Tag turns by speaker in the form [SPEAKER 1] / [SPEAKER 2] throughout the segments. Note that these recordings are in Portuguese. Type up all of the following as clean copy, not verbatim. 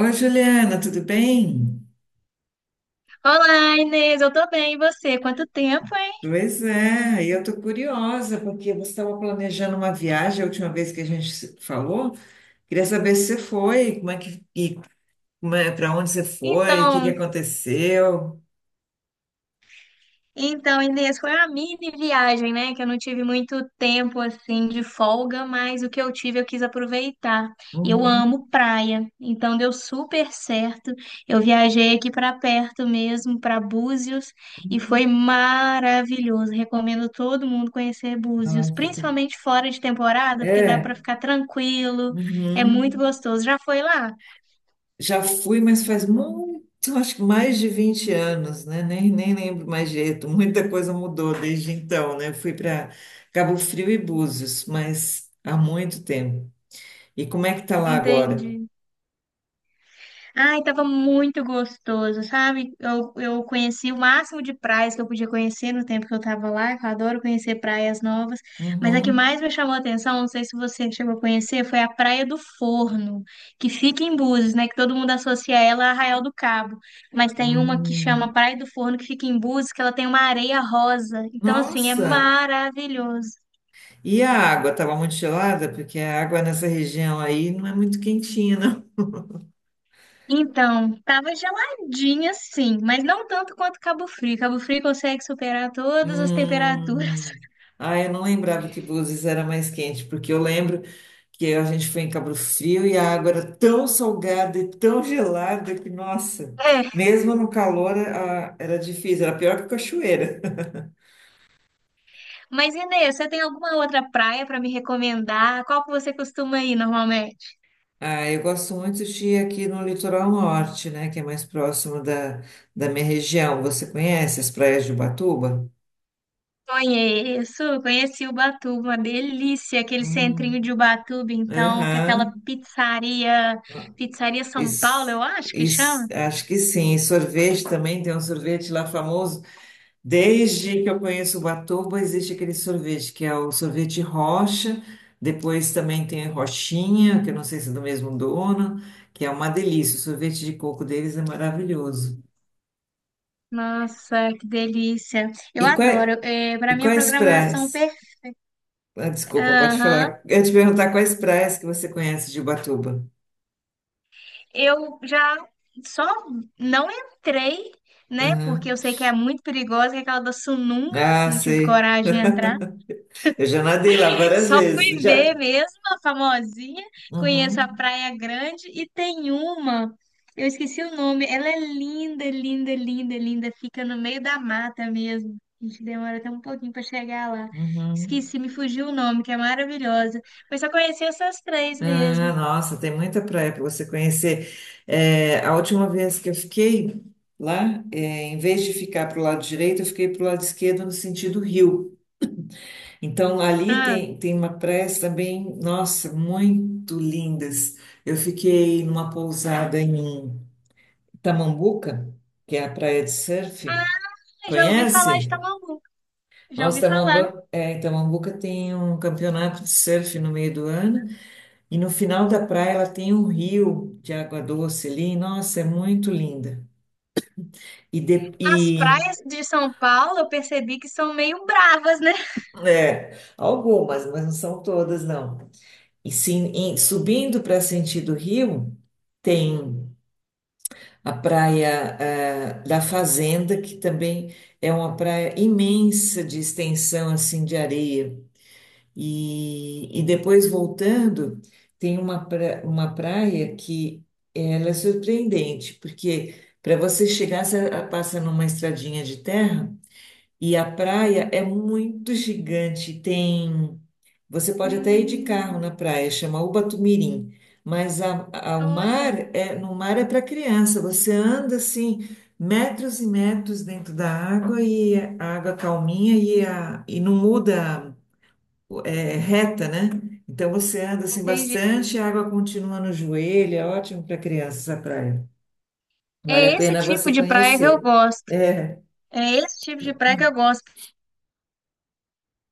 [SPEAKER 1] Oi, Juliana, tudo bem?
[SPEAKER 2] Olá, Inês, eu tô bem, e você? Quanto tempo, hein?
[SPEAKER 1] Pois é, e eu tô curiosa, porque você estava planejando uma viagem a última vez que a gente se falou. Queria saber se você foi, como é, para onde você foi, o que que
[SPEAKER 2] Então,
[SPEAKER 1] aconteceu.
[SPEAKER 2] então, Inês, foi uma mini viagem, né? Que eu não tive muito tempo assim de folga, mas o que eu tive eu quis aproveitar. E eu
[SPEAKER 1] Uhum.
[SPEAKER 2] amo praia, então deu super certo. Eu viajei aqui pra perto mesmo, pra Búzios, e foi maravilhoso. Recomendo todo mundo conhecer Búzios,
[SPEAKER 1] Nossa, que-
[SPEAKER 2] principalmente fora de temporada, porque dá pra
[SPEAKER 1] É.
[SPEAKER 2] ficar tranquilo, é muito
[SPEAKER 1] Uhum.
[SPEAKER 2] gostoso. Já foi lá?
[SPEAKER 1] Já fui, mas faz muito, acho que mais de 20 anos, né? Nem lembro mais jeito. Muita coisa mudou desde então, né? Eu fui para Cabo Frio e Búzios, mas há muito tempo. E como é que tá lá agora?
[SPEAKER 2] Entendi. Ai, tava muito gostoso, sabe? Eu conheci o máximo de praias que eu podia conhecer no tempo que eu tava lá, que eu adoro conhecer praias novas. Mas a que
[SPEAKER 1] Uhum.
[SPEAKER 2] mais me chamou a atenção, não sei se você chegou a conhecer, foi a Praia do Forno, que fica em Búzios, né? Que todo mundo associa ela a Arraial do Cabo. Mas tem uma que chama
[SPEAKER 1] Hum,
[SPEAKER 2] Praia do Forno, que fica em Búzios, que ela tem uma areia rosa. Então, assim, é
[SPEAKER 1] nossa!
[SPEAKER 2] maravilhoso.
[SPEAKER 1] E a água estava muito gelada? Porque a água nessa região aí não é muito quentinha, não.
[SPEAKER 2] Então, tava geladinha sim, mas não tanto quanto Cabo Frio. Cabo Frio consegue superar todas as temperaturas.
[SPEAKER 1] Hum. Ah, eu não lembrava que Búzios era mais quente, porque eu lembro que a gente foi em Cabo Frio e a água era tão salgada e tão gelada que, nossa,
[SPEAKER 2] É,
[SPEAKER 1] mesmo no calor era difícil, era pior que cachoeira.
[SPEAKER 2] mas Inês, você tem alguma outra praia para me recomendar? Qual que você costuma ir normalmente?
[SPEAKER 1] Ah, eu gosto muito de ir aqui no litoral norte, né, que é mais próximo da minha região. Você conhece as praias de Ubatuba?
[SPEAKER 2] Conheço, conheci Ubatuba, uma delícia, aquele
[SPEAKER 1] Hum,
[SPEAKER 2] centrinho de Ubatuba, então, com aquela
[SPEAKER 1] aham.
[SPEAKER 2] pizzaria, Pizzaria São Paulo,
[SPEAKER 1] Isso,
[SPEAKER 2] eu acho que
[SPEAKER 1] isso,
[SPEAKER 2] chama.
[SPEAKER 1] acho que sim. E sorvete também, tem um sorvete lá famoso. Desde que eu conheço Ubatuba, existe aquele sorvete, que é o sorvete Rocha. Depois também tem Roxinha, que eu não sei se é do mesmo dono, que é uma delícia. O sorvete de coco deles é maravilhoso.
[SPEAKER 2] Nossa, que delícia. Eu
[SPEAKER 1] E, qua-
[SPEAKER 2] adoro. É,
[SPEAKER 1] e
[SPEAKER 2] para minha
[SPEAKER 1] quais praias?
[SPEAKER 2] programação perfeita.
[SPEAKER 1] Ah, desculpa, pode falar. Eu ia te perguntar quais praias que você conhece de Ubatuba.
[SPEAKER 2] Eu já só não entrei, né? Porque
[SPEAKER 1] Aham.
[SPEAKER 2] eu sei que é muito perigosa, que é aquela da sununga,
[SPEAKER 1] Ah,
[SPEAKER 2] não tive
[SPEAKER 1] sei.
[SPEAKER 2] coragem de entrar.
[SPEAKER 1] Eu já nadei lá várias
[SPEAKER 2] Só
[SPEAKER 1] vezes.
[SPEAKER 2] fui
[SPEAKER 1] Já.
[SPEAKER 2] ver mesmo, a famosinha. Conheço a
[SPEAKER 1] Uhum,
[SPEAKER 2] Praia Grande e tem uma, eu esqueci o nome, ela é linda, linda, linda, linda, fica no meio da mata mesmo. A gente demora até um pouquinho para chegar lá.
[SPEAKER 1] uhum.
[SPEAKER 2] Esqueci, me fugiu o nome, que é maravilhosa. Mas só conheci essas três
[SPEAKER 1] Ah,
[SPEAKER 2] mesmo.
[SPEAKER 1] nossa, tem muita praia para você conhecer. É, a última vez que eu fiquei lá, é, em vez de ficar para o lado direito, eu fiquei para o lado esquerdo no sentido rio. Então, ali
[SPEAKER 2] Ah,
[SPEAKER 1] tem, tem uma praia também, nossa, muito lindas. Eu fiquei numa pousada em Tamambuca, que é a praia de surf.
[SPEAKER 2] ah, já ouvi falar de
[SPEAKER 1] Conhece?
[SPEAKER 2] Tamambuca. Já
[SPEAKER 1] Nossa,
[SPEAKER 2] ouvi falar.
[SPEAKER 1] Tamamba, é, em Tamambuca tem um campeonato de surf no meio do ano e no final da praia ela tem um rio de água doce ali. Nossa, é muito linda. E, de,
[SPEAKER 2] As
[SPEAKER 1] e
[SPEAKER 2] praias de São Paulo, eu percebi que são meio bravas, né?
[SPEAKER 1] é, algumas, mas não são todas, não. E sim, subindo para sentido rio, tem a praia da Fazenda, que também é uma praia imensa de extensão assim de areia. E depois voltando, uma praia que ela é surpreendente, porque para você chegar, você passa numa estradinha de terra e a praia é muito gigante. Tem, você pode até ir de carro
[SPEAKER 2] Hum,
[SPEAKER 1] na praia, chama Ubatumirim, mas o
[SPEAKER 2] olha,
[SPEAKER 1] mar é, no mar é para criança. Você anda assim metros e metros dentro da água e a água calminha e não muda é, reta, né? Então você anda assim
[SPEAKER 2] entendi.
[SPEAKER 1] bastante, a água continua no joelho, é ótimo para crianças a praia. Vale a
[SPEAKER 2] É esse
[SPEAKER 1] pena
[SPEAKER 2] tipo
[SPEAKER 1] você
[SPEAKER 2] de praia que eu
[SPEAKER 1] conhecer.
[SPEAKER 2] gosto.
[SPEAKER 1] É,
[SPEAKER 2] É esse tipo de praia que eu gosto.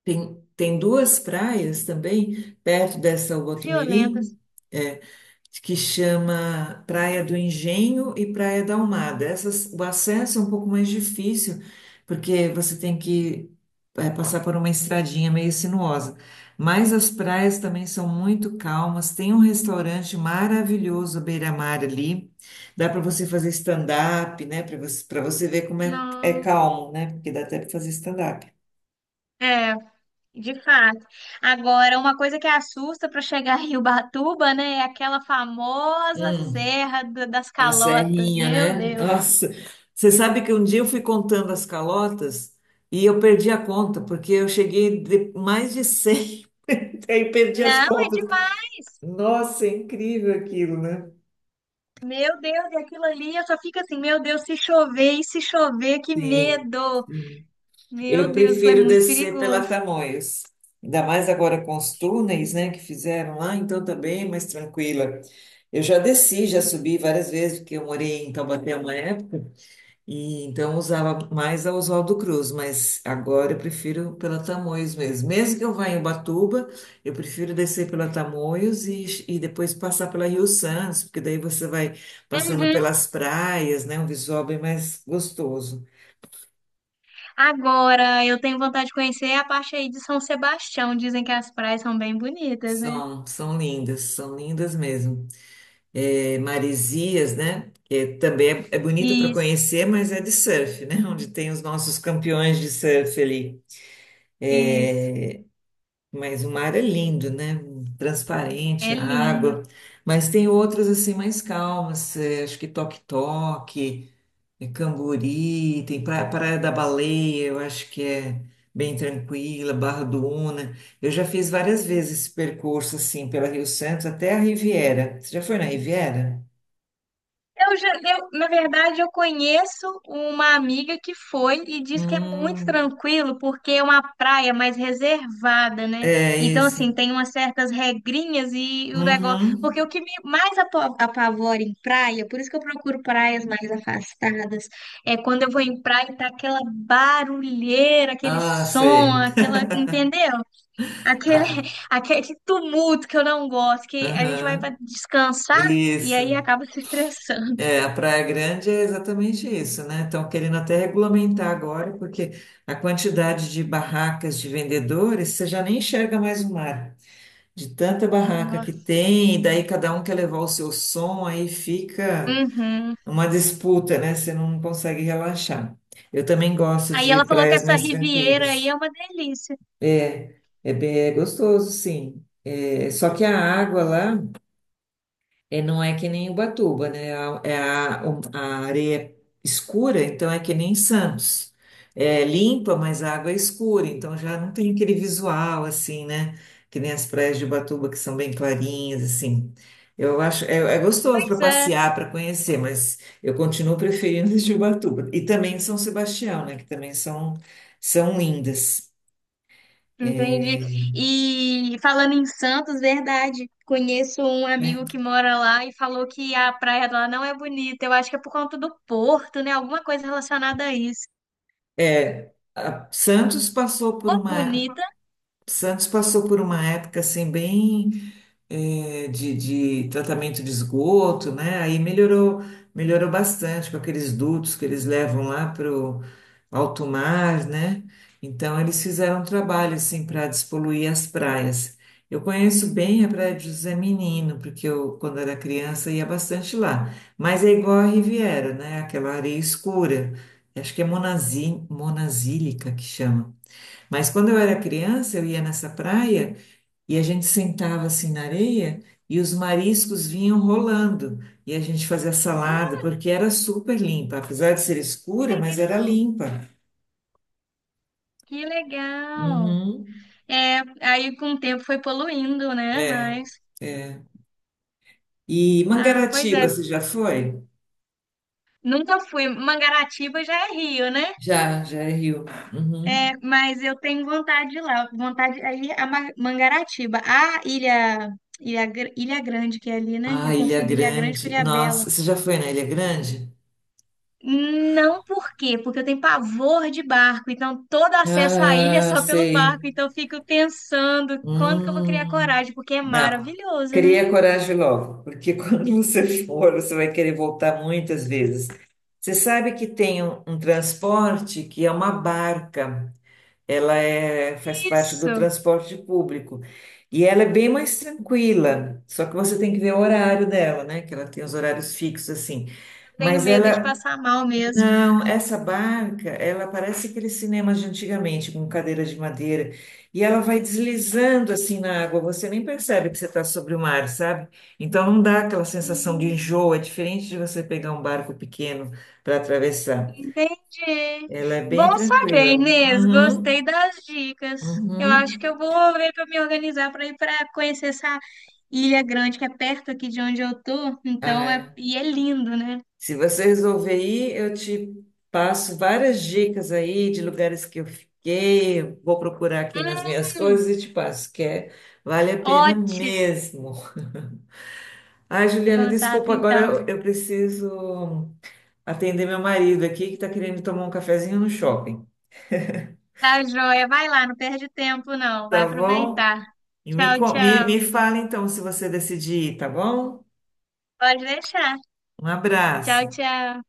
[SPEAKER 1] tem duas praias também perto dessa
[SPEAKER 2] Violentas.
[SPEAKER 1] Botumirim, que chama Praia do Engenho e Praia da Almada. Essas, o acesso é um pouco mais difícil, porque você tem que é, passar por uma estradinha meio sinuosa. Mas as praias também são muito calmas. Tem um restaurante maravilhoso à beira-mar ali. Dá para você fazer stand-up, né? Para você ver como é, é
[SPEAKER 2] Não.
[SPEAKER 1] calmo, né? Porque dá até para fazer stand-up.
[SPEAKER 2] É, de fato. Agora, uma coisa que assusta para chegar em Ubatuba, né, é aquela famosa Serra das
[SPEAKER 1] A
[SPEAKER 2] Calotas.
[SPEAKER 1] serrinha,
[SPEAKER 2] Meu
[SPEAKER 1] né?
[SPEAKER 2] Deus.
[SPEAKER 1] Nossa, você sabe que um dia eu fui contando as calotas e eu perdi a conta, porque eu cheguei de mais de 100 aí eu perdi as
[SPEAKER 2] Não, é
[SPEAKER 1] contas.
[SPEAKER 2] demais.
[SPEAKER 1] Nossa, é incrível aquilo, né?
[SPEAKER 2] Meu Deus, e aquilo ali, eu só fico assim, meu Deus, se chover e se chover, que
[SPEAKER 1] Sim,
[SPEAKER 2] medo.
[SPEAKER 1] sim.
[SPEAKER 2] Meu
[SPEAKER 1] Eu
[SPEAKER 2] Deus, aquilo é
[SPEAKER 1] prefiro
[SPEAKER 2] muito
[SPEAKER 1] descer pela
[SPEAKER 2] perigoso.
[SPEAKER 1] Tamoios, ainda mais agora com os túneis, né, que fizeram lá, então tá bem mais tranquila. Eu já desci, já subi várias vezes, porque eu morei em Taubaté uma época. E então eu usava mais a Oswaldo Cruz, mas agora eu prefiro pela Tamoios mesmo. Mesmo que eu vá em Ubatuba, eu prefiro descer pela Tamoios e depois passar pela Rio Santos, porque daí você vai passando
[SPEAKER 2] Uhum.
[SPEAKER 1] pelas praias, né? Um visual bem mais gostoso.
[SPEAKER 2] Agora, eu tenho vontade de conhecer a parte aí de São Sebastião. Dizem que as praias são bem bonitas, né?
[SPEAKER 1] São, são lindas mesmo. É, Maresias, né? Que também é, é bonita para
[SPEAKER 2] Isso,
[SPEAKER 1] conhecer, mas é de surf, né? Onde tem os nossos campeões de surf ali.
[SPEAKER 2] isso.
[SPEAKER 1] É, mas o mar é lindo, né?
[SPEAKER 2] É
[SPEAKER 1] Transparente, a
[SPEAKER 2] lindo.
[SPEAKER 1] água. Mas tem outras assim mais calmas. Eh, acho que Toque-Toque, Camburi, Praia da Baleia, eu acho que é bem tranquila, Barra do Una. Eu já fiz várias vezes esse percurso assim pela Rio Santos até a Riviera. Você já foi na Riviera?
[SPEAKER 2] Na verdade, eu conheço uma amiga que foi e diz que é muito
[SPEAKER 1] Hum,
[SPEAKER 2] tranquilo porque é uma praia mais reservada, né?
[SPEAKER 1] é
[SPEAKER 2] Então,
[SPEAKER 1] isso.
[SPEAKER 2] assim, tem umas certas regrinhas e o negócio.
[SPEAKER 1] Uhum.
[SPEAKER 2] Porque o que me mais apavora em praia, por isso que eu procuro praias mais afastadas, é quando eu vou em praia e tá aquela barulheira, aquele
[SPEAKER 1] Ah,
[SPEAKER 2] som,
[SPEAKER 1] sei.
[SPEAKER 2] aquela, entendeu? Aquele,
[SPEAKER 1] Ah,
[SPEAKER 2] aquele tumulto que eu não gosto, que a gente vai para
[SPEAKER 1] aham.
[SPEAKER 2] descansar e aí
[SPEAKER 1] Isso.
[SPEAKER 2] acaba se estressando.
[SPEAKER 1] É, a Praia Grande é exatamente isso, né? Estão querendo até regulamentar agora, porque a quantidade de barracas de vendedores, você já nem enxerga mais o mar, de tanta barraca que
[SPEAKER 2] Nossa.
[SPEAKER 1] tem, e daí cada um quer levar o seu som, aí fica
[SPEAKER 2] Uhum.
[SPEAKER 1] uma disputa, né? Você não consegue relaxar. Eu também gosto
[SPEAKER 2] Aí
[SPEAKER 1] de
[SPEAKER 2] ela falou que
[SPEAKER 1] praias
[SPEAKER 2] essa
[SPEAKER 1] mais
[SPEAKER 2] Riviera aí é
[SPEAKER 1] tranquilas.
[SPEAKER 2] uma delícia.
[SPEAKER 1] É é bem gostoso, sim. É, só que a água lá é, não é que nem Ubatuba, né? A areia é escura, então é que nem Santos. É limpa, mas a água é escura, então já não tem aquele visual assim, né? Que nem as praias de Ubatuba, que são bem clarinhas, assim. Eu acho, é, é gostoso para
[SPEAKER 2] Pois é,
[SPEAKER 1] passear, para conhecer, mas eu continuo preferindo as de Ubatuba. E também São Sebastião, né? Que também são, são lindas.
[SPEAKER 2] entendi.
[SPEAKER 1] É,
[SPEAKER 2] E falando em Santos, verdade, conheço um
[SPEAKER 1] né?
[SPEAKER 2] amigo que mora lá e falou que a praia lá não é bonita. Eu acho que é por conta do porto, né? Alguma coisa relacionada a isso.
[SPEAKER 1] É, Santos passou por
[SPEAKER 2] Ô,
[SPEAKER 1] uma,
[SPEAKER 2] bonita.
[SPEAKER 1] Santos passou por uma época assim bem de tratamento de esgoto, né? Aí melhorou, melhorou bastante com aqueles dutos que eles levam lá para o alto mar, né? Então eles fizeram um trabalho assim para despoluir as praias. Eu conheço bem a Praia de José Menino, porque eu, quando era criança, ia bastante lá. Mas é igual a Riviera, né? Aquela areia escura. Acho que é monazí, monazílica que chama. Mas quando eu era criança, eu ia nessa praia e a gente sentava assim na areia e os mariscos vinham rolando e a gente fazia
[SPEAKER 2] Hum,
[SPEAKER 1] salada, porque era super limpa, apesar de ser
[SPEAKER 2] que
[SPEAKER 1] escura, mas era
[SPEAKER 2] legal.
[SPEAKER 1] limpa.
[SPEAKER 2] Que legal.
[SPEAKER 1] Uhum.
[SPEAKER 2] É, aí com o tempo foi poluindo, né?
[SPEAKER 1] É,
[SPEAKER 2] Mas,
[SPEAKER 1] é. E
[SPEAKER 2] ah, pois é.
[SPEAKER 1] Mangaratiba, você já foi?
[SPEAKER 2] Nunca fui. Mangaratiba já é Rio, né?
[SPEAKER 1] Já, já é Rio. Uhum.
[SPEAKER 2] É, mas eu tenho vontade de ir lá, vontade aí a Mangaratiba, a Ilha, Ilha Grande que é ali, né?
[SPEAKER 1] Ah,
[SPEAKER 2] Eu
[SPEAKER 1] Ilha
[SPEAKER 2] confundo Ilha Grande com
[SPEAKER 1] Grande.
[SPEAKER 2] Ilha Bela.
[SPEAKER 1] Nossa, você já foi na Ilha Grande?
[SPEAKER 2] Não por quê? Porque eu tenho pavor de barco, então todo acesso à ilha é
[SPEAKER 1] Ah,
[SPEAKER 2] só pelo
[SPEAKER 1] sei.
[SPEAKER 2] barco, então eu fico pensando quando que eu vou criar
[SPEAKER 1] Hum.
[SPEAKER 2] coragem, porque é
[SPEAKER 1] Não,
[SPEAKER 2] maravilhoso, né?
[SPEAKER 1] cria coragem logo, porque quando você for, você vai querer voltar muitas vezes. Você sabe que tem um transporte que é uma barca, ela é, faz parte
[SPEAKER 2] Isso,
[SPEAKER 1] do
[SPEAKER 2] eu
[SPEAKER 1] transporte público e ela é bem mais tranquila, só que você tem que ver o horário dela, né? Que ela tem os horários fixos assim.
[SPEAKER 2] tenho
[SPEAKER 1] Mas
[SPEAKER 2] medo de
[SPEAKER 1] ela
[SPEAKER 2] passar mal mesmo.
[SPEAKER 1] não, essa barca, ela parece aqueles cinemas de antigamente, com cadeira de madeira, e ela vai deslizando assim na água, você nem percebe que você está sobre o mar, sabe? Então não dá aquela sensação de
[SPEAKER 2] Hum.
[SPEAKER 1] enjoo, é diferente de você pegar um barco pequeno para atravessar.
[SPEAKER 2] Entendi.
[SPEAKER 1] Ela é bem
[SPEAKER 2] Bom saber,
[SPEAKER 1] tranquila.
[SPEAKER 2] Inês.
[SPEAKER 1] Uhum,
[SPEAKER 2] Gostei das dicas. Eu acho que
[SPEAKER 1] uhum.
[SPEAKER 2] eu vou ver para me organizar para ir para conhecer essa ilha grande que é perto aqui de onde eu tô. Então é
[SPEAKER 1] Ah,
[SPEAKER 2] e é lindo, né?
[SPEAKER 1] se você resolver ir, eu te passo várias dicas aí de lugares que eu fiquei. Vou procurar aqui nas minhas coisas
[SPEAKER 2] Hum,
[SPEAKER 1] e te passo, que é, vale a pena
[SPEAKER 2] ótimo
[SPEAKER 1] mesmo. Ai, Juliana,
[SPEAKER 2] contato,
[SPEAKER 1] desculpa, agora
[SPEAKER 2] então.
[SPEAKER 1] eu preciso atender meu marido aqui que está querendo tomar um cafezinho no shopping.
[SPEAKER 2] Tá joia. Vai lá, não perde tempo, não. Vai
[SPEAKER 1] Tá bom?
[SPEAKER 2] aproveitar.
[SPEAKER 1] E me,
[SPEAKER 2] Tchau,
[SPEAKER 1] co- me,
[SPEAKER 2] tchau.
[SPEAKER 1] me fala então se você decidir, tá bom?
[SPEAKER 2] Pode deixar.
[SPEAKER 1] Um
[SPEAKER 2] Tchau,
[SPEAKER 1] abraço.
[SPEAKER 2] tchau.